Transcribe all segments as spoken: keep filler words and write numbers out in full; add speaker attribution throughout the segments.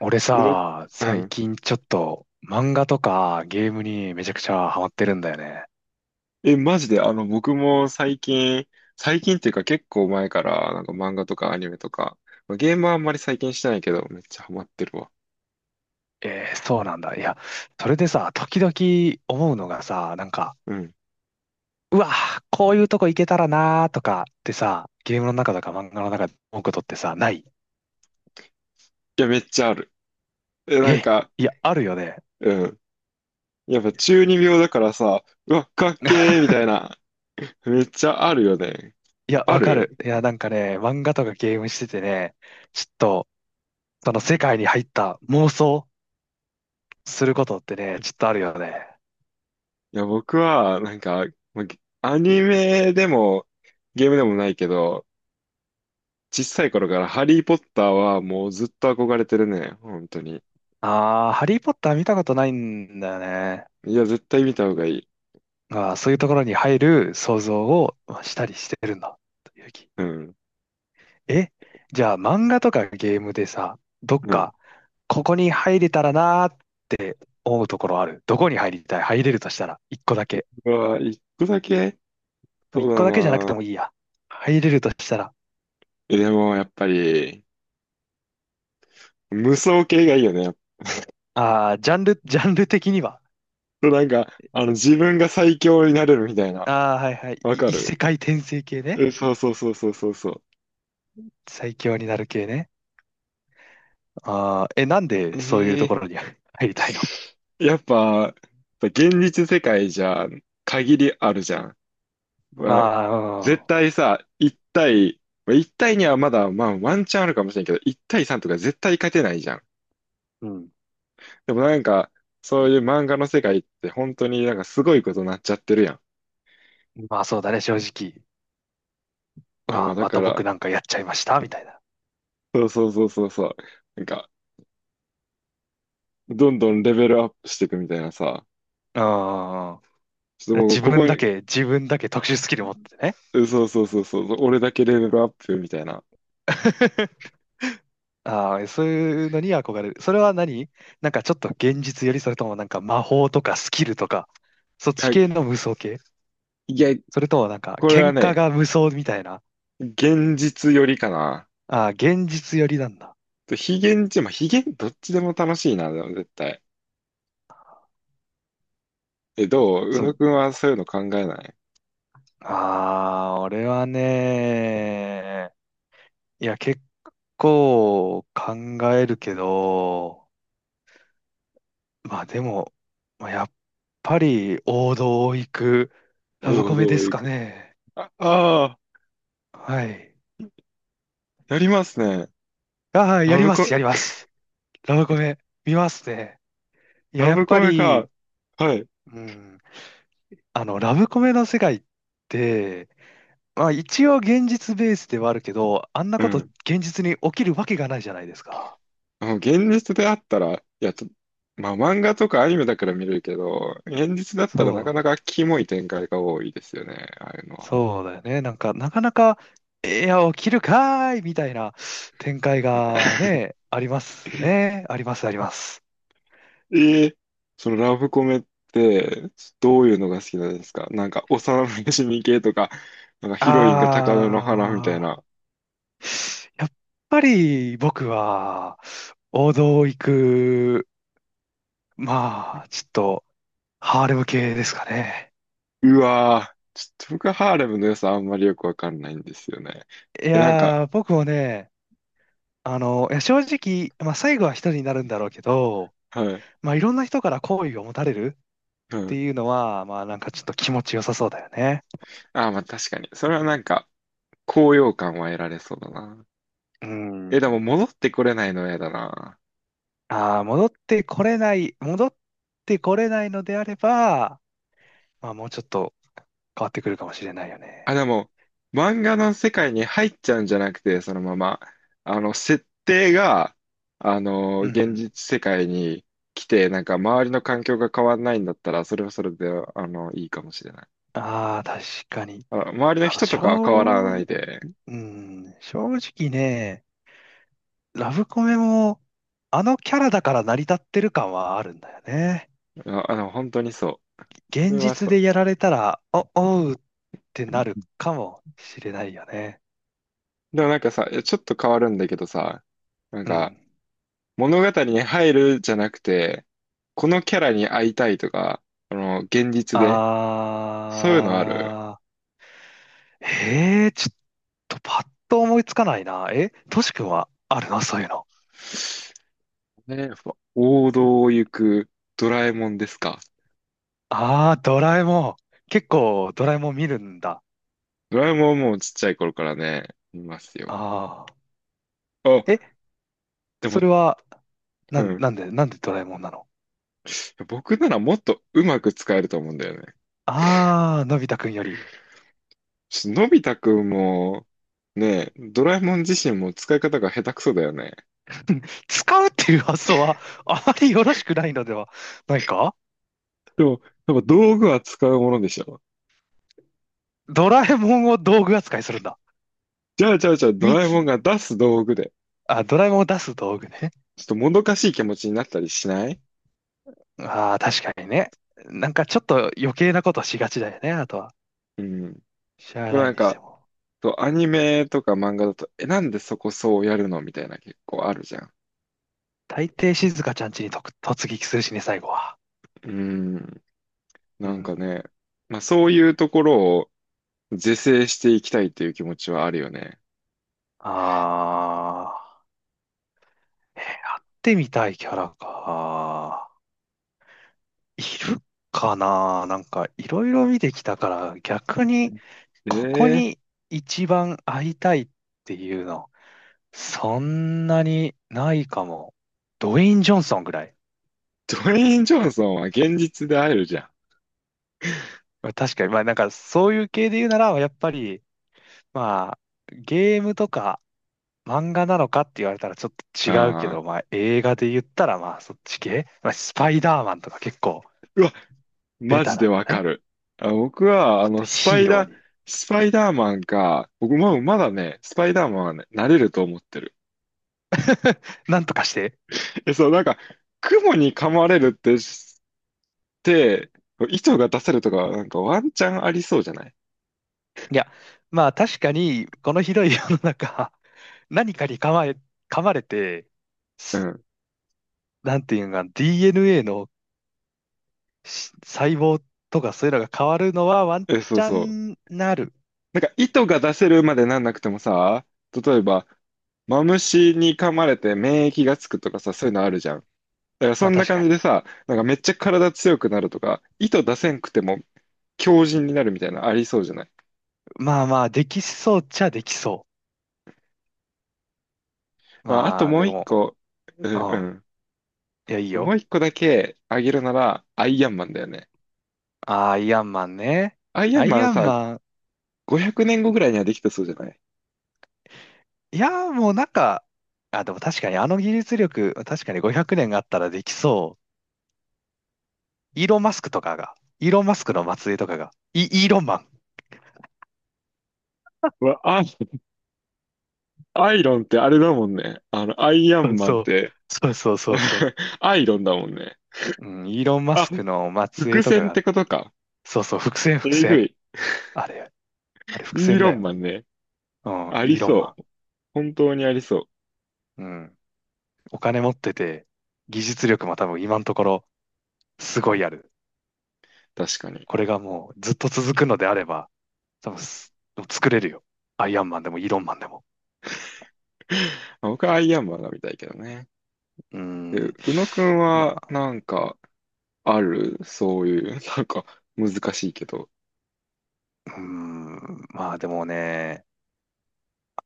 Speaker 1: 俺
Speaker 2: うろ、
Speaker 1: さ、
Speaker 2: う
Speaker 1: 最
Speaker 2: ん。
Speaker 1: 近ちょっと漫画とかゲームにめちゃくちゃハマってるんだよね。
Speaker 2: え、マジで、あの、僕も最近、最近っていうか結構前から、なんか漫画とかアニメとか、まあゲームはあんまり最近してないけど、めっちゃハマってるわ。
Speaker 1: えー、そうなんだ。いや、それでさ、時々思うのがさ、なんか、
Speaker 2: うん。い
Speaker 1: うわ、こういうとこ行けたらなーとかってさ、ゲームの中とか漫画の中で思うことってさ、ない？
Speaker 2: や、めっちゃある。え、なん
Speaker 1: え、
Speaker 2: か、
Speaker 1: いや、あるよね。
Speaker 2: うん。やっぱ中二病だからさ、うわ、かっけーみたいな、めっちゃあるよね。
Speaker 1: いや、
Speaker 2: あ
Speaker 1: わかる。
Speaker 2: る
Speaker 1: いや、なんかね、漫画とかゲームしててね、ちょっと、その世界に入った妄想することってね、ちょっとあるよね。
Speaker 2: いや、僕は、なんか、まあゲアニメでも、ゲームでもないけど、小さい頃からハリー・ポッターはもうずっと憧れてるね。本当に。
Speaker 1: あー、ハリーポッター見たことないんだよね。
Speaker 2: いや、絶対見た方がいい。
Speaker 1: ああ、そういうところに入る想像をまあしたりしてるんだ。という気。
Speaker 2: うん。
Speaker 1: え、じゃあ漫画とかゲームでさ、どっ
Speaker 2: うん。
Speaker 1: か、ここに入れたらなーって思うところある？どこに入りたい入れるとしたら、一個だけ。
Speaker 2: うわ、一個だけそ
Speaker 1: 一
Speaker 2: う
Speaker 1: 個
Speaker 2: だ
Speaker 1: だけじゃなくて
Speaker 2: な。
Speaker 1: もいいや。入れるとしたら、
Speaker 2: え、でも、やっぱり、無双系がいいよね。
Speaker 1: ああ、ジャンル、ジャンル的には。
Speaker 2: なんか、あの、自分が最強になれるみたいな。
Speaker 1: ああ、はいはい。
Speaker 2: わ
Speaker 1: い
Speaker 2: か
Speaker 1: 異世
Speaker 2: る
Speaker 1: 界転生系ね。
Speaker 2: え、そうそうそうそうそうそ
Speaker 1: 最強になる系ね。ああ、え、なんで
Speaker 2: う。
Speaker 1: そういうとこ
Speaker 2: え
Speaker 1: ろに 入りたいの？
Speaker 2: ー、やっぱ、現実世界じゃ、限りあるじゃん。
Speaker 1: あ
Speaker 2: まあ、絶
Speaker 1: あ、
Speaker 2: 対さ、いったい対、まあいったい対にはまだ、まあ、ワンチャンあるかもしれんけど、いったい対さんとか絶対勝てないじゃん。
Speaker 1: うん。
Speaker 2: でもなんか、そういう漫画の世界って本当になんかすごいことになっちゃってるやん。
Speaker 1: うんまあそうだね、正直。あ
Speaker 2: あ
Speaker 1: あ、
Speaker 2: だ
Speaker 1: ま
Speaker 2: か
Speaker 1: た
Speaker 2: ら、
Speaker 1: 僕なんかやっちゃいました、みたいな。
Speaker 2: そうそうそうそうそう。なんか、どんどんレベルアップしていくみたいなさ。
Speaker 1: うん。
Speaker 2: ちょっともう
Speaker 1: 自
Speaker 2: こ
Speaker 1: 分
Speaker 2: こ
Speaker 1: だ
Speaker 2: に、
Speaker 1: け、自分だけ特殊スキル持ってね。
Speaker 2: うんそうそうそうそう、俺だけレベルアップみたいな。
Speaker 1: ああ、そういうのに憧れる。それは何？なんかちょっと現実より、それともなんか魔法とかスキルとか、そっ
Speaker 2: は
Speaker 1: ち
Speaker 2: い、
Speaker 1: 系の無双系？
Speaker 2: いや、
Speaker 1: それともなんか
Speaker 2: これ
Speaker 1: 喧
Speaker 2: は
Speaker 1: 嘩
Speaker 2: ね、
Speaker 1: が無双みたいな。
Speaker 2: 現実よりかな。
Speaker 1: ああ、現実よりなんだ。
Speaker 2: と非現実、まあ、非現、どっちでも楽しいな、でも絶対。え、どう宇
Speaker 1: そ
Speaker 2: 野
Speaker 1: う、
Speaker 2: くんはそういうの考えない？
Speaker 1: ああ、俺はね、いや、結構考えるけど、まあでも、まあ、やっぱり王道を行くラブ
Speaker 2: 王
Speaker 1: コメで
Speaker 2: 道へ
Speaker 1: す
Speaker 2: 行
Speaker 1: か
Speaker 2: く。
Speaker 1: ね。
Speaker 2: あ、ああ、
Speaker 1: はい。
Speaker 2: やりますね。
Speaker 1: ああ、や
Speaker 2: ラ
Speaker 1: り
Speaker 2: ブ
Speaker 1: ま
Speaker 2: コ、
Speaker 1: す、やります。ラブコメ、見ますね。いや、
Speaker 2: ラ
Speaker 1: やっ
Speaker 2: ブコ
Speaker 1: ぱ
Speaker 2: メ
Speaker 1: り、
Speaker 2: か。はい。
Speaker 1: うん、あの、ラブコメの世界って、まあ一応現実ベースではあるけど、あんな
Speaker 2: う
Speaker 1: こと
Speaker 2: ん。
Speaker 1: 現実に起きるわけがないじゃないですか。
Speaker 2: あ現実であったら、いや、ちょまあ漫画とかアニメだから見れるけど、現実だった
Speaker 1: そ
Speaker 2: らなかな
Speaker 1: う、
Speaker 2: かキモい展開が多いですよね、ああいうのは。
Speaker 1: そうだよね。なんか、なかなか、いや、起きるかーいみたいな展開がね、ありますね。あります、あります。
Speaker 2: えーそのラブコメってどういうのが好きなんですか？なんか幼馴染系とか、なんかヒロインが高嶺の花みたい
Speaker 1: ああ、
Speaker 2: な。
Speaker 1: やっぱり僕は王道を行く、まあ、ちょっとハーレム系ですかね。
Speaker 2: うわーちょっと僕はハーレムの良さあんまりよくわかんないんですよね。
Speaker 1: い
Speaker 2: え、なんか、
Speaker 1: やー、僕もね、あの、いや正直、まあ最後は一人になるんだろうけど、
Speaker 2: はい、
Speaker 1: まあいろんな人から好意を持たれるっ
Speaker 2: は
Speaker 1: て
Speaker 2: い。
Speaker 1: いうのは、まあなんかちょっと気持ちよさそうだよね。
Speaker 2: ああ、まあ確かに。それはなんか高揚感は得られそうだな。
Speaker 1: う
Speaker 2: え、で
Speaker 1: ん。
Speaker 2: も戻ってこれないの嫌だな。
Speaker 1: ああ、戻ってこれない、戻ってこれないのであれば、まあもうちょっと変わってくるかもしれないよ
Speaker 2: あ、で
Speaker 1: ね。
Speaker 2: も、漫画の世界に入っちゃうんじゃなくて、そのまま、あの、設定が、あの、
Speaker 1: う
Speaker 2: 現
Speaker 1: ん。
Speaker 2: 実世界に来て、なんか周りの環境が変わらないんだったら、それはそれで、あの、いいかもしれない。
Speaker 1: ああ、確かに。
Speaker 2: あ、周りの
Speaker 1: あの、
Speaker 2: 人と
Speaker 1: 正、
Speaker 2: かは変わらないで、
Speaker 1: うん、正直ね、ラブコメも、あのキャラだから成り立ってる感はあるんだよね。
Speaker 2: あ、あの、本当にそう。それ
Speaker 1: 現
Speaker 2: は
Speaker 1: 実
Speaker 2: そう。
Speaker 1: でやられたら、お、おうってなるかもしれないよね。
Speaker 2: でもなんかさ、いやちょっと変わるんだけどさ、なん
Speaker 1: う
Speaker 2: か
Speaker 1: ん。
Speaker 2: 物語に入るじゃなくて、このキャラに会いたいとか、あの、現実でそういうのある？
Speaker 1: あー、えー、ちょっとパッと思いつかないな。え、トシ君はあるのそういうの？
Speaker 2: ね、ふわ王道を行くドラえもんですか。
Speaker 1: あー、ドラえもん。結構ドラえもん見るんだ。
Speaker 2: ドラえもんはもうちっちゃい頃からね、いますよ。
Speaker 1: あー。え、
Speaker 2: あ、で
Speaker 1: そ
Speaker 2: も、
Speaker 1: れは、な
Speaker 2: う
Speaker 1: ん、
Speaker 2: ん。
Speaker 1: なんで、なんでドラえもんなの？
Speaker 2: 僕ならもっとうまく使えると思うんだよね。
Speaker 1: ああー、のび太くんより。
Speaker 2: ちょっとのび太くんも、ね、ドラえもん自身も使い方が下手くそだよね。
Speaker 1: 使うっていう発想は あまりよろしくないのではないか？
Speaker 2: でも、やっぱ道具は使うものでしょ。
Speaker 1: ドラえもんを道具扱いするんだ。
Speaker 2: じゃあ、じゃあ、じゃあ、ド
Speaker 1: み
Speaker 2: ラえ
Speaker 1: つ、
Speaker 2: もんが出す道具で、
Speaker 1: あ、ドラえもんを出す道具ね。
Speaker 2: ちょっともどかしい気持ちになったりしない？
Speaker 1: ああ、確かにね。なんかちょっと余計なことしがちだよね、あとは。
Speaker 2: うん。
Speaker 1: しゃあ
Speaker 2: でも
Speaker 1: な
Speaker 2: な
Speaker 1: い
Speaker 2: ん
Speaker 1: にして
Speaker 2: か、
Speaker 1: も。
Speaker 2: そう、アニメとか漫画だと、え、なんでそこそうやるのみたいな結構あるじゃん。
Speaker 1: 大抵静香ちゃんちにとく突撃するしね、最後は。
Speaker 2: うん。
Speaker 1: う
Speaker 2: なんか
Speaker 1: ん。
Speaker 2: ね、まあそういうところを是正していきたいという気持ちはあるよね。
Speaker 1: ああ、えー、やってみたいキャラか。いるかな。なんかいろいろ見てきたから逆にここ
Speaker 2: ええ
Speaker 1: に一番会いたいっていうのそんなにないかも。ドウェイン・ジョンソンぐらい。
Speaker 2: ドウェイン・ジョンソンは現実で会えるじゃ
Speaker 1: まあ確かにまあなんかそういう系で言うならやっぱりまあゲームとか漫画なのかって言われたらちょっと
Speaker 2: ん。
Speaker 1: 違うけ
Speaker 2: あ
Speaker 1: ど
Speaker 2: あ。
Speaker 1: まあ映画で言ったらまあそっち系。まあスパイダーマンとか結構
Speaker 2: うわ、
Speaker 1: ベ
Speaker 2: マ
Speaker 1: タ
Speaker 2: ジ
Speaker 1: な
Speaker 2: で
Speaker 1: んじゃ
Speaker 2: わ
Speaker 1: な
Speaker 2: か
Speaker 1: い？
Speaker 2: る。あ、僕は、
Speaker 1: ちょ
Speaker 2: あ
Speaker 1: っと
Speaker 2: の、スパ
Speaker 1: ヒー
Speaker 2: イ
Speaker 1: ロー
Speaker 2: ダー、
Speaker 1: に
Speaker 2: スパイダーマンか、僕もまだね、スパイダーマンはね、なれると思ってる。
Speaker 1: なんとかして、
Speaker 2: え、そう、なんか、雲に噛まれるってで、糸が出せるとかはなんかワンチャンありそうじゃない？
Speaker 1: いや、まあ確かに、この広い世の中、何かに噛まれ、噛まれて、
Speaker 2: うん。
Speaker 1: なんていうのかな、ディーエヌエー のし細胞とかそういうのが変わるのはワン
Speaker 2: え、そ
Speaker 1: チ
Speaker 2: う
Speaker 1: ャ
Speaker 2: そう。
Speaker 1: ンなる。
Speaker 2: なんか糸が出せるまでなんなくてもさ、例えば、マムシに噛まれて免疫がつくとかさ、そういうのあるじゃん。だからそ
Speaker 1: まあ
Speaker 2: んな
Speaker 1: 確
Speaker 2: 感
Speaker 1: か
Speaker 2: じ
Speaker 1: に。
Speaker 2: でさ、なんかめっちゃ体強くなるとか、糸出せんくても強靭になるみたいなのありそうじゃない？
Speaker 1: まあまあ、できそうっちゃできそう。
Speaker 2: まあ、あと
Speaker 1: まあ
Speaker 2: も
Speaker 1: で
Speaker 2: う一
Speaker 1: も、
Speaker 2: 個、う
Speaker 1: う
Speaker 2: んう
Speaker 1: ん。
Speaker 2: ん。
Speaker 1: いや、いい
Speaker 2: で、もう
Speaker 1: よ。
Speaker 2: 一個だけあげるなら、アイアンマンだよね。
Speaker 1: あーアイアンマンね。
Speaker 2: アイア
Speaker 1: ア
Speaker 2: ン
Speaker 1: イ
Speaker 2: マン
Speaker 1: アン
Speaker 2: さ、
Speaker 1: マン。
Speaker 2: ごひゃくねんごぐらいにはできたそうじゃない？
Speaker 1: いや、もうなんか、あ、でも確かにあの技術力、確かにごひゃくねんがあったらできそう。イーロン・マスクとかが、イーロン・マスクの末裔とかが、イ、イーロンマ
Speaker 2: うわ、あアイロンってあれだもんね。あの、アイア
Speaker 1: ン。
Speaker 2: ン マンっ
Speaker 1: そう、
Speaker 2: て
Speaker 1: そうそうそうそう。
Speaker 2: アイロンだもんね。
Speaker 1: うん、イーロン・マ
Speaker 2: あ、
Speaker 1: スクの末
Speaker 2: 伏
Speaker 1: 裔とか
Speaker 2: 線っ
Speaker 1: が、
Speaker 2: てことか。
Speaker 1: そうそう、伏線伏
Speaker 2: えぐ
Speaker 1: 線。
Speaker 2: い。
Speaker 1: あれ、あれ伏
Speaker 2: イー
Speaker 1: 線
Speaker 2: ロ
Speaker 1: だ
Speaker 2: ン
Speaker 1: よ。
Speaker 2: マンね。
Speaker 1: うん、
Speaker 2: あり
Speaker 1: イーロン
Speaker 2: そ
Speaker 1: マ
Speaker 2: う。本当にありそう。
Speaker 1: ン。うん、お金持ってて、技術力も多分今のところすごいある。
Speaker 2: 確かに。
Speaker 1: これがもうずっと続くのであれば、多分す作れるよ。アイアンマンでもイーロンマンでも。
Speaker 2: あ僕はアイアンマンが見たいけどね。
Speaker 1: うー
Speaker 2: え、
Speaker 1: ん。
Speaker 2: 宇野くん
Speaker 1: ま
Speaker 2: は、
Speaker 1: あ、
Speaker 2: なんか、あるそういう、なんか、難しいけど。
Speaker 1: うーん。まあでもね、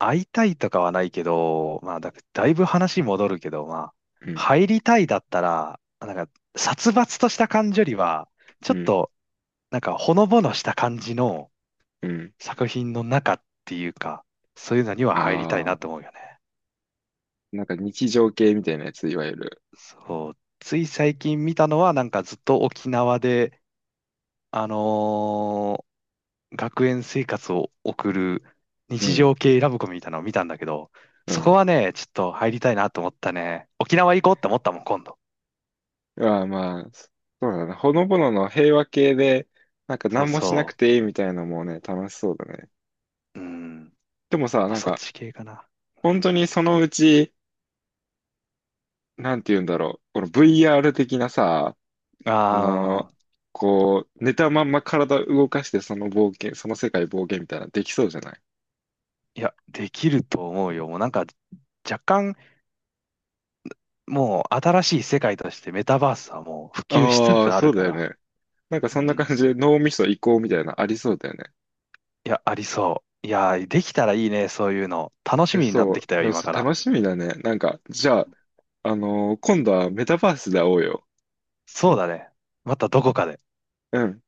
Speaker 1: 会いたいとかはないけど、まあ、だ、だいぶ話戻るけど、まあ、
Speaker 2: うん、
Speaker 1: 入りたいだったら、なんか、殺伐とした感じよりは、
Speaker 2: う
Speaker 1: ちょっ
Speaker 2: ん、
Speaker 1: と、なんか、ほのぼのした感じの
Speaker 2: うん。
Speaker 1: 作品の中っていうか、そういうのには入りたい
Speaker 2: あ
Speaker 1: な
Speaker 2: あ、
Speaker 1: と思うよね。
Speaker 2: なんか日常系みたいなやつ、いわゆる。
Speaker 1: そう。つい最近見たのは、なんかずっと沖縄で、あのー学園生活を送る
Speaker 2: う
Speaker 1: 日常
Speaker 2: ん、
Speaker 1: 系ラブコメみたいなのを見たんだけど、
Speaker 2: う
Speaker 1: そこ
Speaker 2: ん。
Speaker 1: はね、ちょっと入りたいなと思ったね。沖縄行こうって思ったもん、今度。
Speaker 2: ああ、まあ、そうだな。ほのぼのの平和系で、なんか
Speaker 1: そう
Speaker 2: 何もしなく
Speaker 1: そ
Speaker 2: ていいみたいなのもね、楽しそうだね。
Speaker 1: う。うん。
Speaker 2: でも
Speaker 1: やっ
Speaker 2: さ、
Speaker 1: ぱ
Speaker 2: なん
Speaker 1: そっ
Speaker 2: か、
Speaker 1: ち系かな。
Speaker 2: 本当にそのうち、なんて言うんだろう、この ブイアール 的なさ、あ
Speaker 1: あ
Speaker 2: の、
Speaker 1: あ、
Speaker 2: こう、寝たまんま体動かしてその冒険、その世界冒険みたいなのできそうじゃない？
Speaker 1: いや、できると思うよ。もうなんか若干、もう新しい世界としてメタバースはもう普及しつ
Speaker 2: ああ、
Speaker 1: つあ
Speaker 2: そ
Speaker 1: る
Speaker 2: う
Speaker 1: か
Speaker 2: だよ
Speaker 1: ら。
Speaker 2: ね。なんか
Speaker 1: う
Speaker 2: そんな
Speaker 1: ん。
Speaker 2: 感じで脳みそ移行みたいなのありそうだよね。
Speaker 1: いや、ありそう。いや、できたらいいね、そういうの。楽し
Speaker 2: え、
Speaker 1: みになっ
Speaker 2: そう。
Speaker 1: てきた
Speaker 2: だ
Speaker 1: よ、
Speaker 2: から
Speaker 1: 今
Speaker 2: そ
Speaker 1: か
Speaker 2: う
Speaker 1: ら。
Speaker 2: 楽しみだね。なんか、じゃあ、あのー今度はメタバースで会おうよ。
Speaker 1: そうだね。またどこかで。
Speaker 2: うん。